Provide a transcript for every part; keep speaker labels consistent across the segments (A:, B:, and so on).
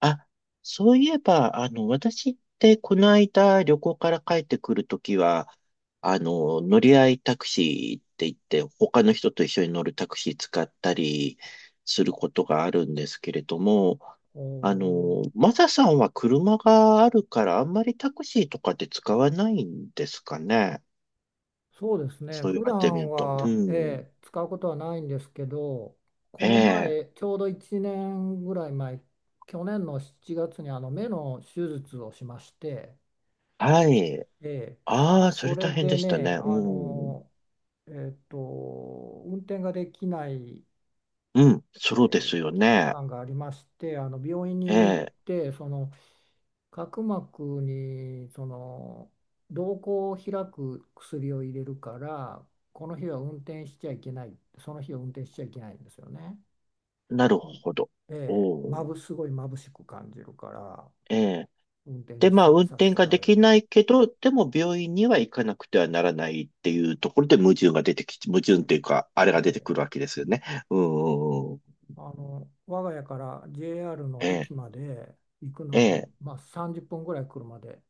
A: あ、そういえば、私ってこの間旅行から帰ってくるときは、乗り合いタクシーって言って、他の人と一緒に乗るタクシー使ったりすることがあるんですけれども、
B: おー
A: マサさんは車があるから、あんまりタクシーとかって使わないんですかね。
B: そうですね。
A: そう言
B: 普
A: われてみ
B: 段
A: ると。う
B: は、
A: ん。
B: 使うことはないんですけど、
A: え
B: この
A: え。
B: 前、ちょうど1年ぐらい前、去年の7月に目の手術をしまして、
A: はい。
B: ええ
A: ああ、そ
B: そ
A: れ
B: れ
A: 大変で
B: で
A: した
B: ね、
A: ね。うん。
B: 運転ができない、
A: うん。
B: え
A: そうですよ
B: 期
A: ね。
B: 間がありまして、病院
A: え
B: に行っ
A: え。
B: て、角膜に瞳孔を開く薬を入れるから、この日は運転しちゃいけないその日は運転しちゃいけないんですよね。
A: なる
B: ん
A: ほど。
B: ええ、
A: お
B: ま
A: ー。
B: ぶすごい眩しく感じるから
A: ええ。
B: 運転
A: で、
B: に
A: まあ、運
B: 差し
A: 転が
B: 替
A: で
B: える。
A: きないけど、でも病院には行かなくてはならないっていうところで矛盾っていうか、あれ
B: え
A: が出て
B: え、
A: くるわけですよね。うん。
B: 我が家から JR の
A: ええ、
B: 駅まで行く
A: え
B: の
A: え。
B: に、まあ、30分ぐらい車で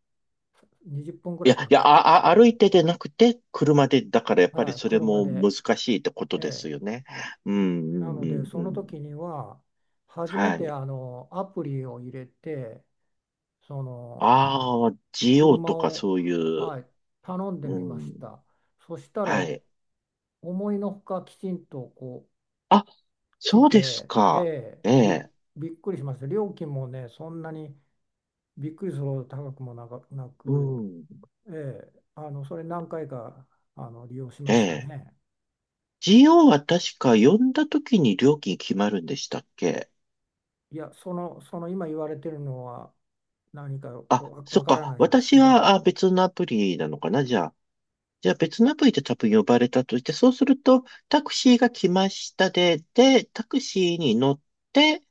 B: 20分ぐ
A: い
B: ら
A: や、
B: い
A: いや、
B: か
A: あ、あ、
B: か
A: 歩
B: る。
A: いてでなくて、車で、だからやっぱり
B: はい、
A: それ
B: 車
A: も
B: で、
A: 難しいってこ
B: え
A: とです
B: え、
A: よね。うん、う
B: な
A: ん、
B: の
A: う
B: で
A: ん、う
B: その
A: ん。
B: 時には初め
A: は
B: て
A: い。
B: アプリを入れて、その
A: ああ、GO
B: 車
A: とか
B: を、
A: そういう、
B: はい、頼んで
A: う
B: みまし
A: ん、
B: た。そした
A: は
B: ら
A: い。
B: 思いのほかきちんとこう
A: あ、
B: 来
A: そうです
B: て、
A: か。ええ、
B: びっくりしました。料金もねそんなにびっくりするほど高くもな
A: う
B: く、
A: ん。
B: えそれ何回か利用しま
A: え
B: した
A: え。
B: ね。
A: GO は確か呼んだ時に料金決まるんでしたっけ？
B: いや、その今言われてるのは何か
A: あ、そ
B: わ
A: っ
B: から
A: か。
B: ないんですけ
A: 私
B: ど。
A: は別のアプリなのかなじゃあ。じゃあ別のアプリで多分呼ばれたとして、そうするとタクシーが来ました。で、タクシーに乗って、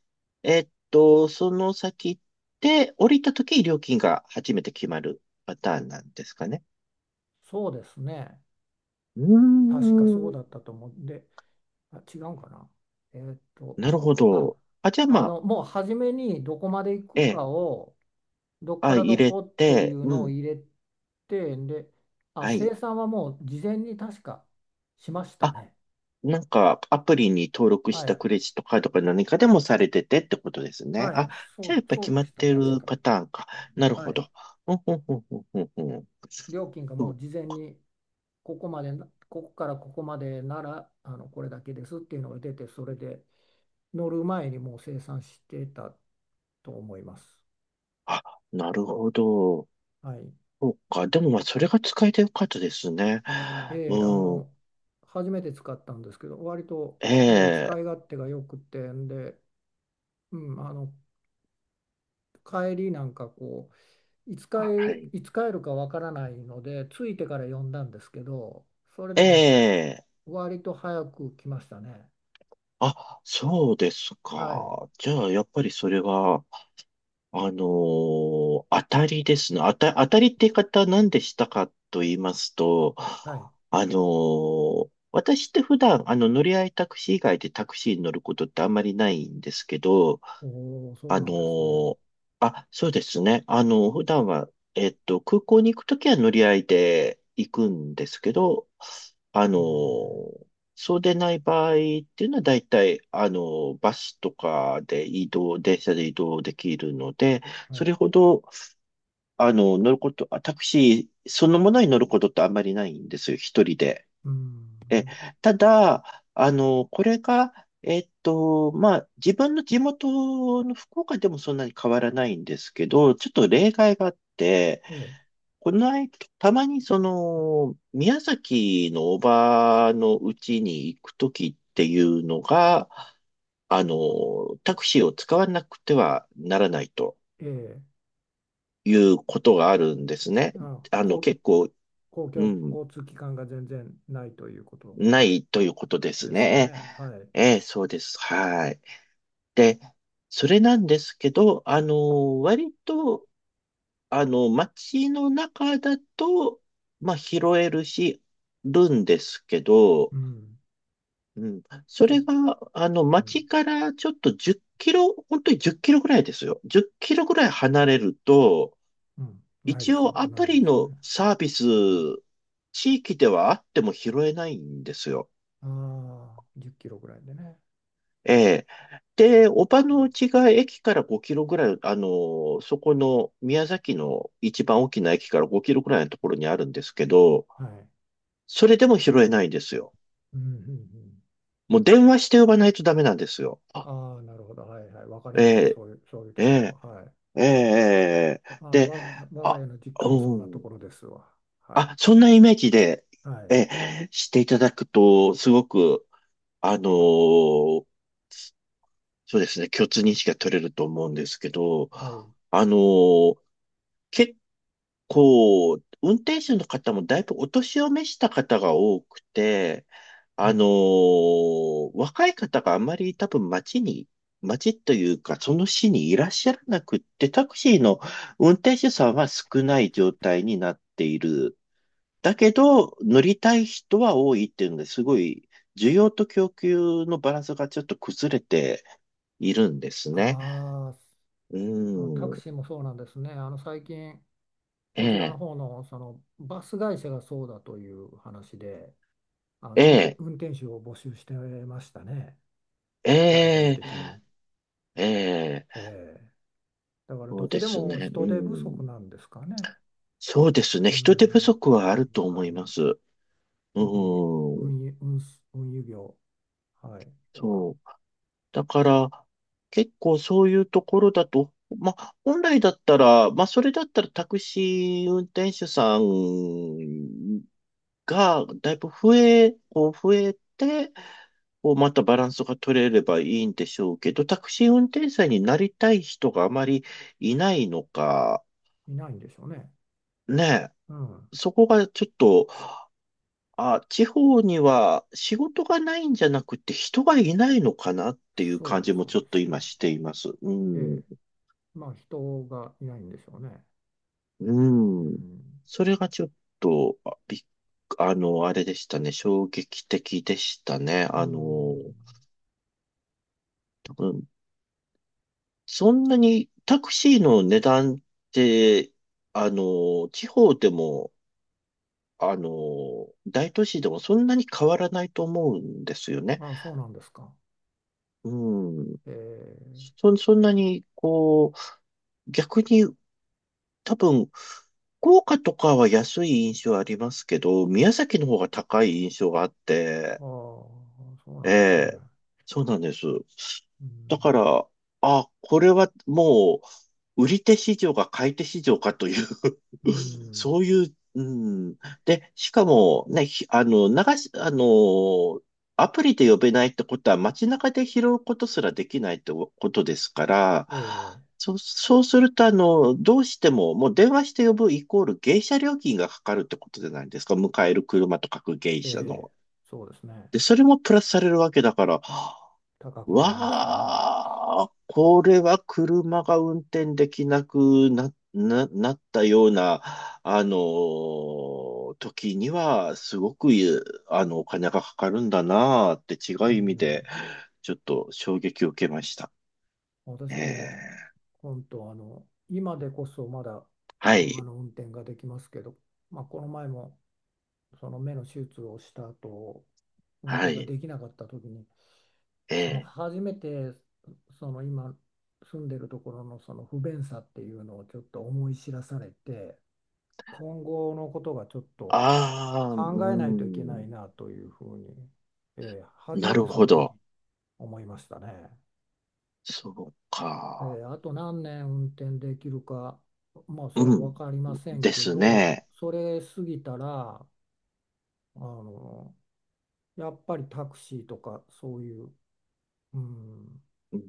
A: その先で降りた時に料金が初めて決まるパターンなんですかね。
B: そうですね。
A: うー
B: 確かそう
A: ん。
B: だったと思うんで。あ、違うかな。えーっと、
A: なるほ
B: あ、
A: ど。あ、じゃあまあ、
B: もう初めにどこまで行
A: え
B: く
A: え。
B: かを、どっか
A: あ、
B: ら
A: 入
B: ど
A: れ
B: こってい
A: て、
B: う
A: う
B: のを
A: ん。
B: 入れて、で、あ、
A: はい。
B: 生産はもう事前に確かしました
A: あ、
B: ね。
A: なんか、アプリに登録し
B: は
A: た
B: い。
A: クレジットカードか何かでもされててってことですね。
B: はい。
A: あ、
B: そ
A: じゃあ
B: う、
A: やっぱ
B: そう
A: 決ま
B: で
A: っ
B: した。
A: て
B: 確
A: る
B: か。
A: パターンか。なる
B: は
A: ほ
B: い。
A: ど。うんうんうんうんうんうん。
B: 料金が
A: そ
B: もう
A: う。
B: 事前に、ここまでな、ここからここまでなら、これだけですっていうのが出て、それで乗る前にもう生産してたと思います。
A: あ、なるほど。
B: はい。
A: そうか。でもまあ、それが使えてよかったですね。
B: ええ、あ
A: うん。
B: の、初めて使ったんですけど、割と、
A: ええ。
B: 使い勝手が良くてんで、うん、帰りなんかう、いつ
A: あ、は
B: 帰、
A: い。
B: いつ帰るかわからないので、着いてから呼んだんですけど、それでも
A: ええ。
B: 割と早く来ましたね。
A: あ、そうです
B: はい。
A: か。じゃあ、やっぱりそれは、当たりですね。当たりって言い方は何でしたかと言いますと、
B: はい。
A: 私って普段、乗り合いタクシー以外でタクシーに乗ることってあんまりないんですけど、
B: おお、そう
A: あ
B: なん
A: の
B: ですね。
A: ーあ、そうですね。普段は、空港に行くときは乗り合いで行くんですけど、あ
B: え
A: の
B: え、
A: ーそうでない場合っていうのは大体、バスとかで移動、電車で移動できるので、
B: は
A: そ
B: い。
A: れほど、乗ること、あタクシーそのものに乗ることってあんまりないんですよ。一人で。
B: う
A: え、
B: ん。
A: ただ、これが、まあ、自分の地元の福岡でもそんなに変わらないんですけど、ちょっと例外があって、
B: え
A: この間、たまに、宮崎のおばのうちに行くときっていうのが、タクシーを使わなくてはならないと
B: え、え
A: いうことがあるんですね。
B: え、あ、
A: 結構、
B: 公
A: う
B: 共
A: ん、
B: 交通機関が全然ないということ
A: ないということです
B: ですよ
A: ね。
B: ね。はい。
A: ええ、そうです。はい。で、それなんですけど、割と、街の中だと、まあ、拾えるし、るんですけど、
B: うん。
A: うん、そ
B: ちょ、
A: れが、
B: うん、
A: 街からちょっと10キロ、本当に10キロぐらいですよ。10キロぐらい離れると、
B: うん。ないで
A: 一
B: しょ
A: 応
B: う。
A: ア
B: な
A: プ
B: いで
A: リ
B: しょう
A: の
B: ね。
A: サービス、
B: う
A: 地域ではあっても拾えないんですよ。
B: ん、ああ、10キロぐらいでね。
A: ええ。で、おばの家が駅から5キロぐらい、そこの宮崎の一番大きな駅から5キロぐらいのところにあるんですけど、
B: はい。
A: それでも拾えないんですよ。
B: うん、うん、うん。
A: もう電話して呼ばないとダメなんですよ。あ、
B: ああ、なるほど。はいはい。わかり
A: え
B: ます。
A: え、
B: そういうと
A: え
B: こ
A: え、
B: ろ。はい。
A: ええ、
B: あの、
A: で、
B: わ、我が
A: あ、
B: 家の実家もそ
A: う
B: んなと
A: ん。
B: ころですわ。はい。
A: あ、そんなイメージで、
B: はい。
A: ええ、していただくと、すごく、あのそうですね、共通認識が取れると思うんですけど、
B: はい。
A: あの結こう、運転手の方もだいぶお年を召した方が多くて、
B: うん。
A: 若い方があまり多分街に、街というか、その市にいらっしゃらなくって、タクシーの運転手さんは少ない状態になっている。だけど、乗りたい人は多いっていうので、すごい、需要と供給のバランスがちょっと崩れているんですね。
B: ああ、
A: う
B: そのタク
A: ん。
B: シーもそうなんですね。最近、
A: え
B: こちらの
A: え、
B: 方の、そのバス会社がそうだという話で、
A: ええ、
B: 運転手を募集してましたね、大々
A: ええ、
B: 的に。
A: ええ。
B: ええだから
A: そ
B: ど
A: う
B: こ
A: で
B: で
A: す
B: も
A: ね。う
B: 人手不
A: ん。
B: 足なんですかね。
A: そうですね。
B: う
A: 人手不
B: ん、
A: 足
B: こ
A: は
B: の
A: ある
B: 業
A: と思
B: 界
A: い
B: も。
A: ます。う
B: 特に
A: ん。
B: 運輸業。はい、は
A: そう。だから、結構そういうところだと、まあ、本来だったら、まあ、それだったらタクシー運転手さんがだいぶ増え、こう増えて、こうまたバランスが取れればいいんでしょうけど、タクシー運転手さんになりたい人があまりいないのか、
B: いないんでしょうね。
A: ね
B: うん、
A: え。そこがちょっと、あ、地方には仕事がないんじゃなくて人がいないのかなっていう
B: そ
A: 感
B: う
A: じも
B: そ
A: ち
B: う
A: ょっ
B: で
A: と
B: す
A: 今
B: ね。
A: しています。う
B: え
A: ん。
B: え、まあ人がいないんでしょうね。う
A: うん。
B: ん、
A: それがちょっと、あびっあの、あれでしたね。衝撃的でしたね。
B: うん、
A: 多分、そんなにタクシーの値段って、地方でも、あの、大都市でもそんなに変わらないと思うんですよね。
B: ああ、そうなんですか。
A: うん。
B: ええ
A: そんなに、こう、逆に多分、福岡とかは安い印象ありますけど、宮崎の方が高い印象があって、
B: ああ、そうな
A: え
B: んですね。
A: え、そうなんです。
B: うん、
A: だから、あ、これはもう、売り手市場か買い手市場かという
B: う ん、
A: そういう、うん。で、しかも、ね、ひあの、流し、アプリで呼べないってことは街中で拾うことすらできないってことですから、
B: え
A: そう、そうすると、どうしても、もう電話して呼ぶイコール迎車料金がかかるってことじゃないですか。迎える車と書く迎
B: え、え
A: 車
B: え、
A: の。
B: そうですね。
A: で、それもプラスされるわけだから、
B: 高くなりますよね。
A: わあ、これは車が運転できなくなったような、時には、すごく、お金がかかるんだなあって違
B: う
A: う意味
B: ん、
A: で、ちょっと衝撃を受けました。え
B: 私
A: え、
B: も本当、今でこそまだ
A: は
B: 車
A: い、
B: の運転ができますけど、まあ、この前もその目の手術をした後、運
A: は
B: 転が
A: い、
B: できなかった時に、
A: ええ。
B: 初めて今住んでるところのその不便さっていうのをちょっと思い知らされて、今後のことがちょっと
A: ああ、う
B: 考えないといけな
A: ん、
B: いなというふうに、初
A: な
B: めて
A: る
B: そ
A: ほ
B: の時
A: ど。
B: 思いましたね。
A: そうか。
B: あと何年運転できるか、まあそれ
A: う
B: 分
A: ん、
B: かりません
A: で
B: け
A: す
B: ど、
A: ね。
B: それ過ぎたら、あの、やっぱりタクシーとかそういう、うん、
A: うん。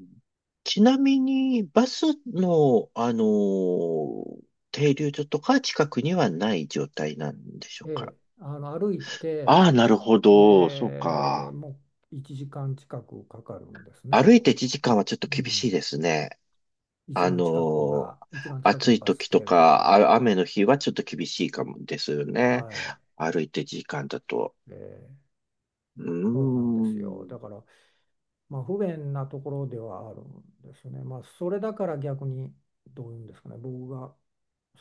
A: ちなみに、バスの、停留所とか近くにはない状態なんでしょ
B: え
A: うか。
B: 歩いて、
A: ああ、なるほ
B: え
A: ど。そうか。
B: もう1時間近くかかるんですね。
A: 歩いて1時間はちょっと
B: う
A: 厳しい
B: ん、
A: ですね。あのー
B: 一番近く
A: 暑
B: の
A: い
B: バス
A: 時と
B: 停が多
A: か、
B: 分。
A: あ、雨の日はちょっと厳しいかもですよね。
B: は
A: 歩いて時間だと。
B: い。
A: う
B: そうなんで
A: ー
B: すよ。
A: ん。
B: だから、まあ、不便なところではあるんですね。まあ、それだから逆に、どういうんですかね、僕が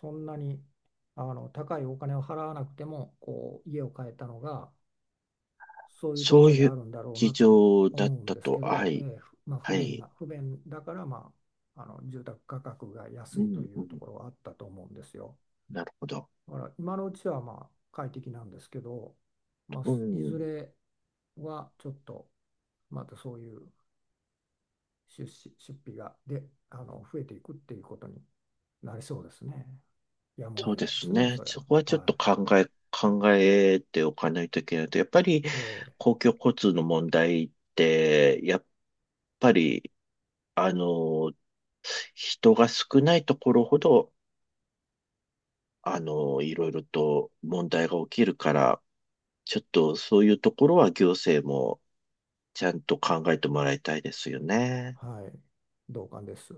B: そんなに高いお金を払わなくても、こう、家を買えたのが、そういうとこ
A: そう
B: ろに
A: い
B: あ
A: う
B: るんだろう
A: 事
B: なと
A: 情だ
B: 思
A: っ
B: うん
A: た
B: ですけ
A: と。は
B: ど、え
A: い。
B: ーふまあ、
A: はい。
B: 不便だから、まあ、住宅価格が安
A: う
B: いと
A: ん、
B: い
A: う
B: うと
A: ん。
B: ころはあったと思うんですよ。
A: なるほど。
B: だから今のうちはまあ快適なんですけど、まあ、
A: う
B: いず
A: ん。
B: れはちょっとまたそういう出費がで、あの増えていくっていうことになりそうですね。やむを
A: そう
B: 得ない
A: で
B: で
A: す
B: すね、
A: ね。
B: それは。
A: そこはちょっ
B: は
A: と考えておかないといけないと。やっぱり
B: い。
A: 公共交通の問題って、やっぱり、あの、人が少ないところほど、いろいろと問題が起きるから、ちょっとそういうところは行政もちゃんと考えてもらいたいですよね。
B: はい。同感です。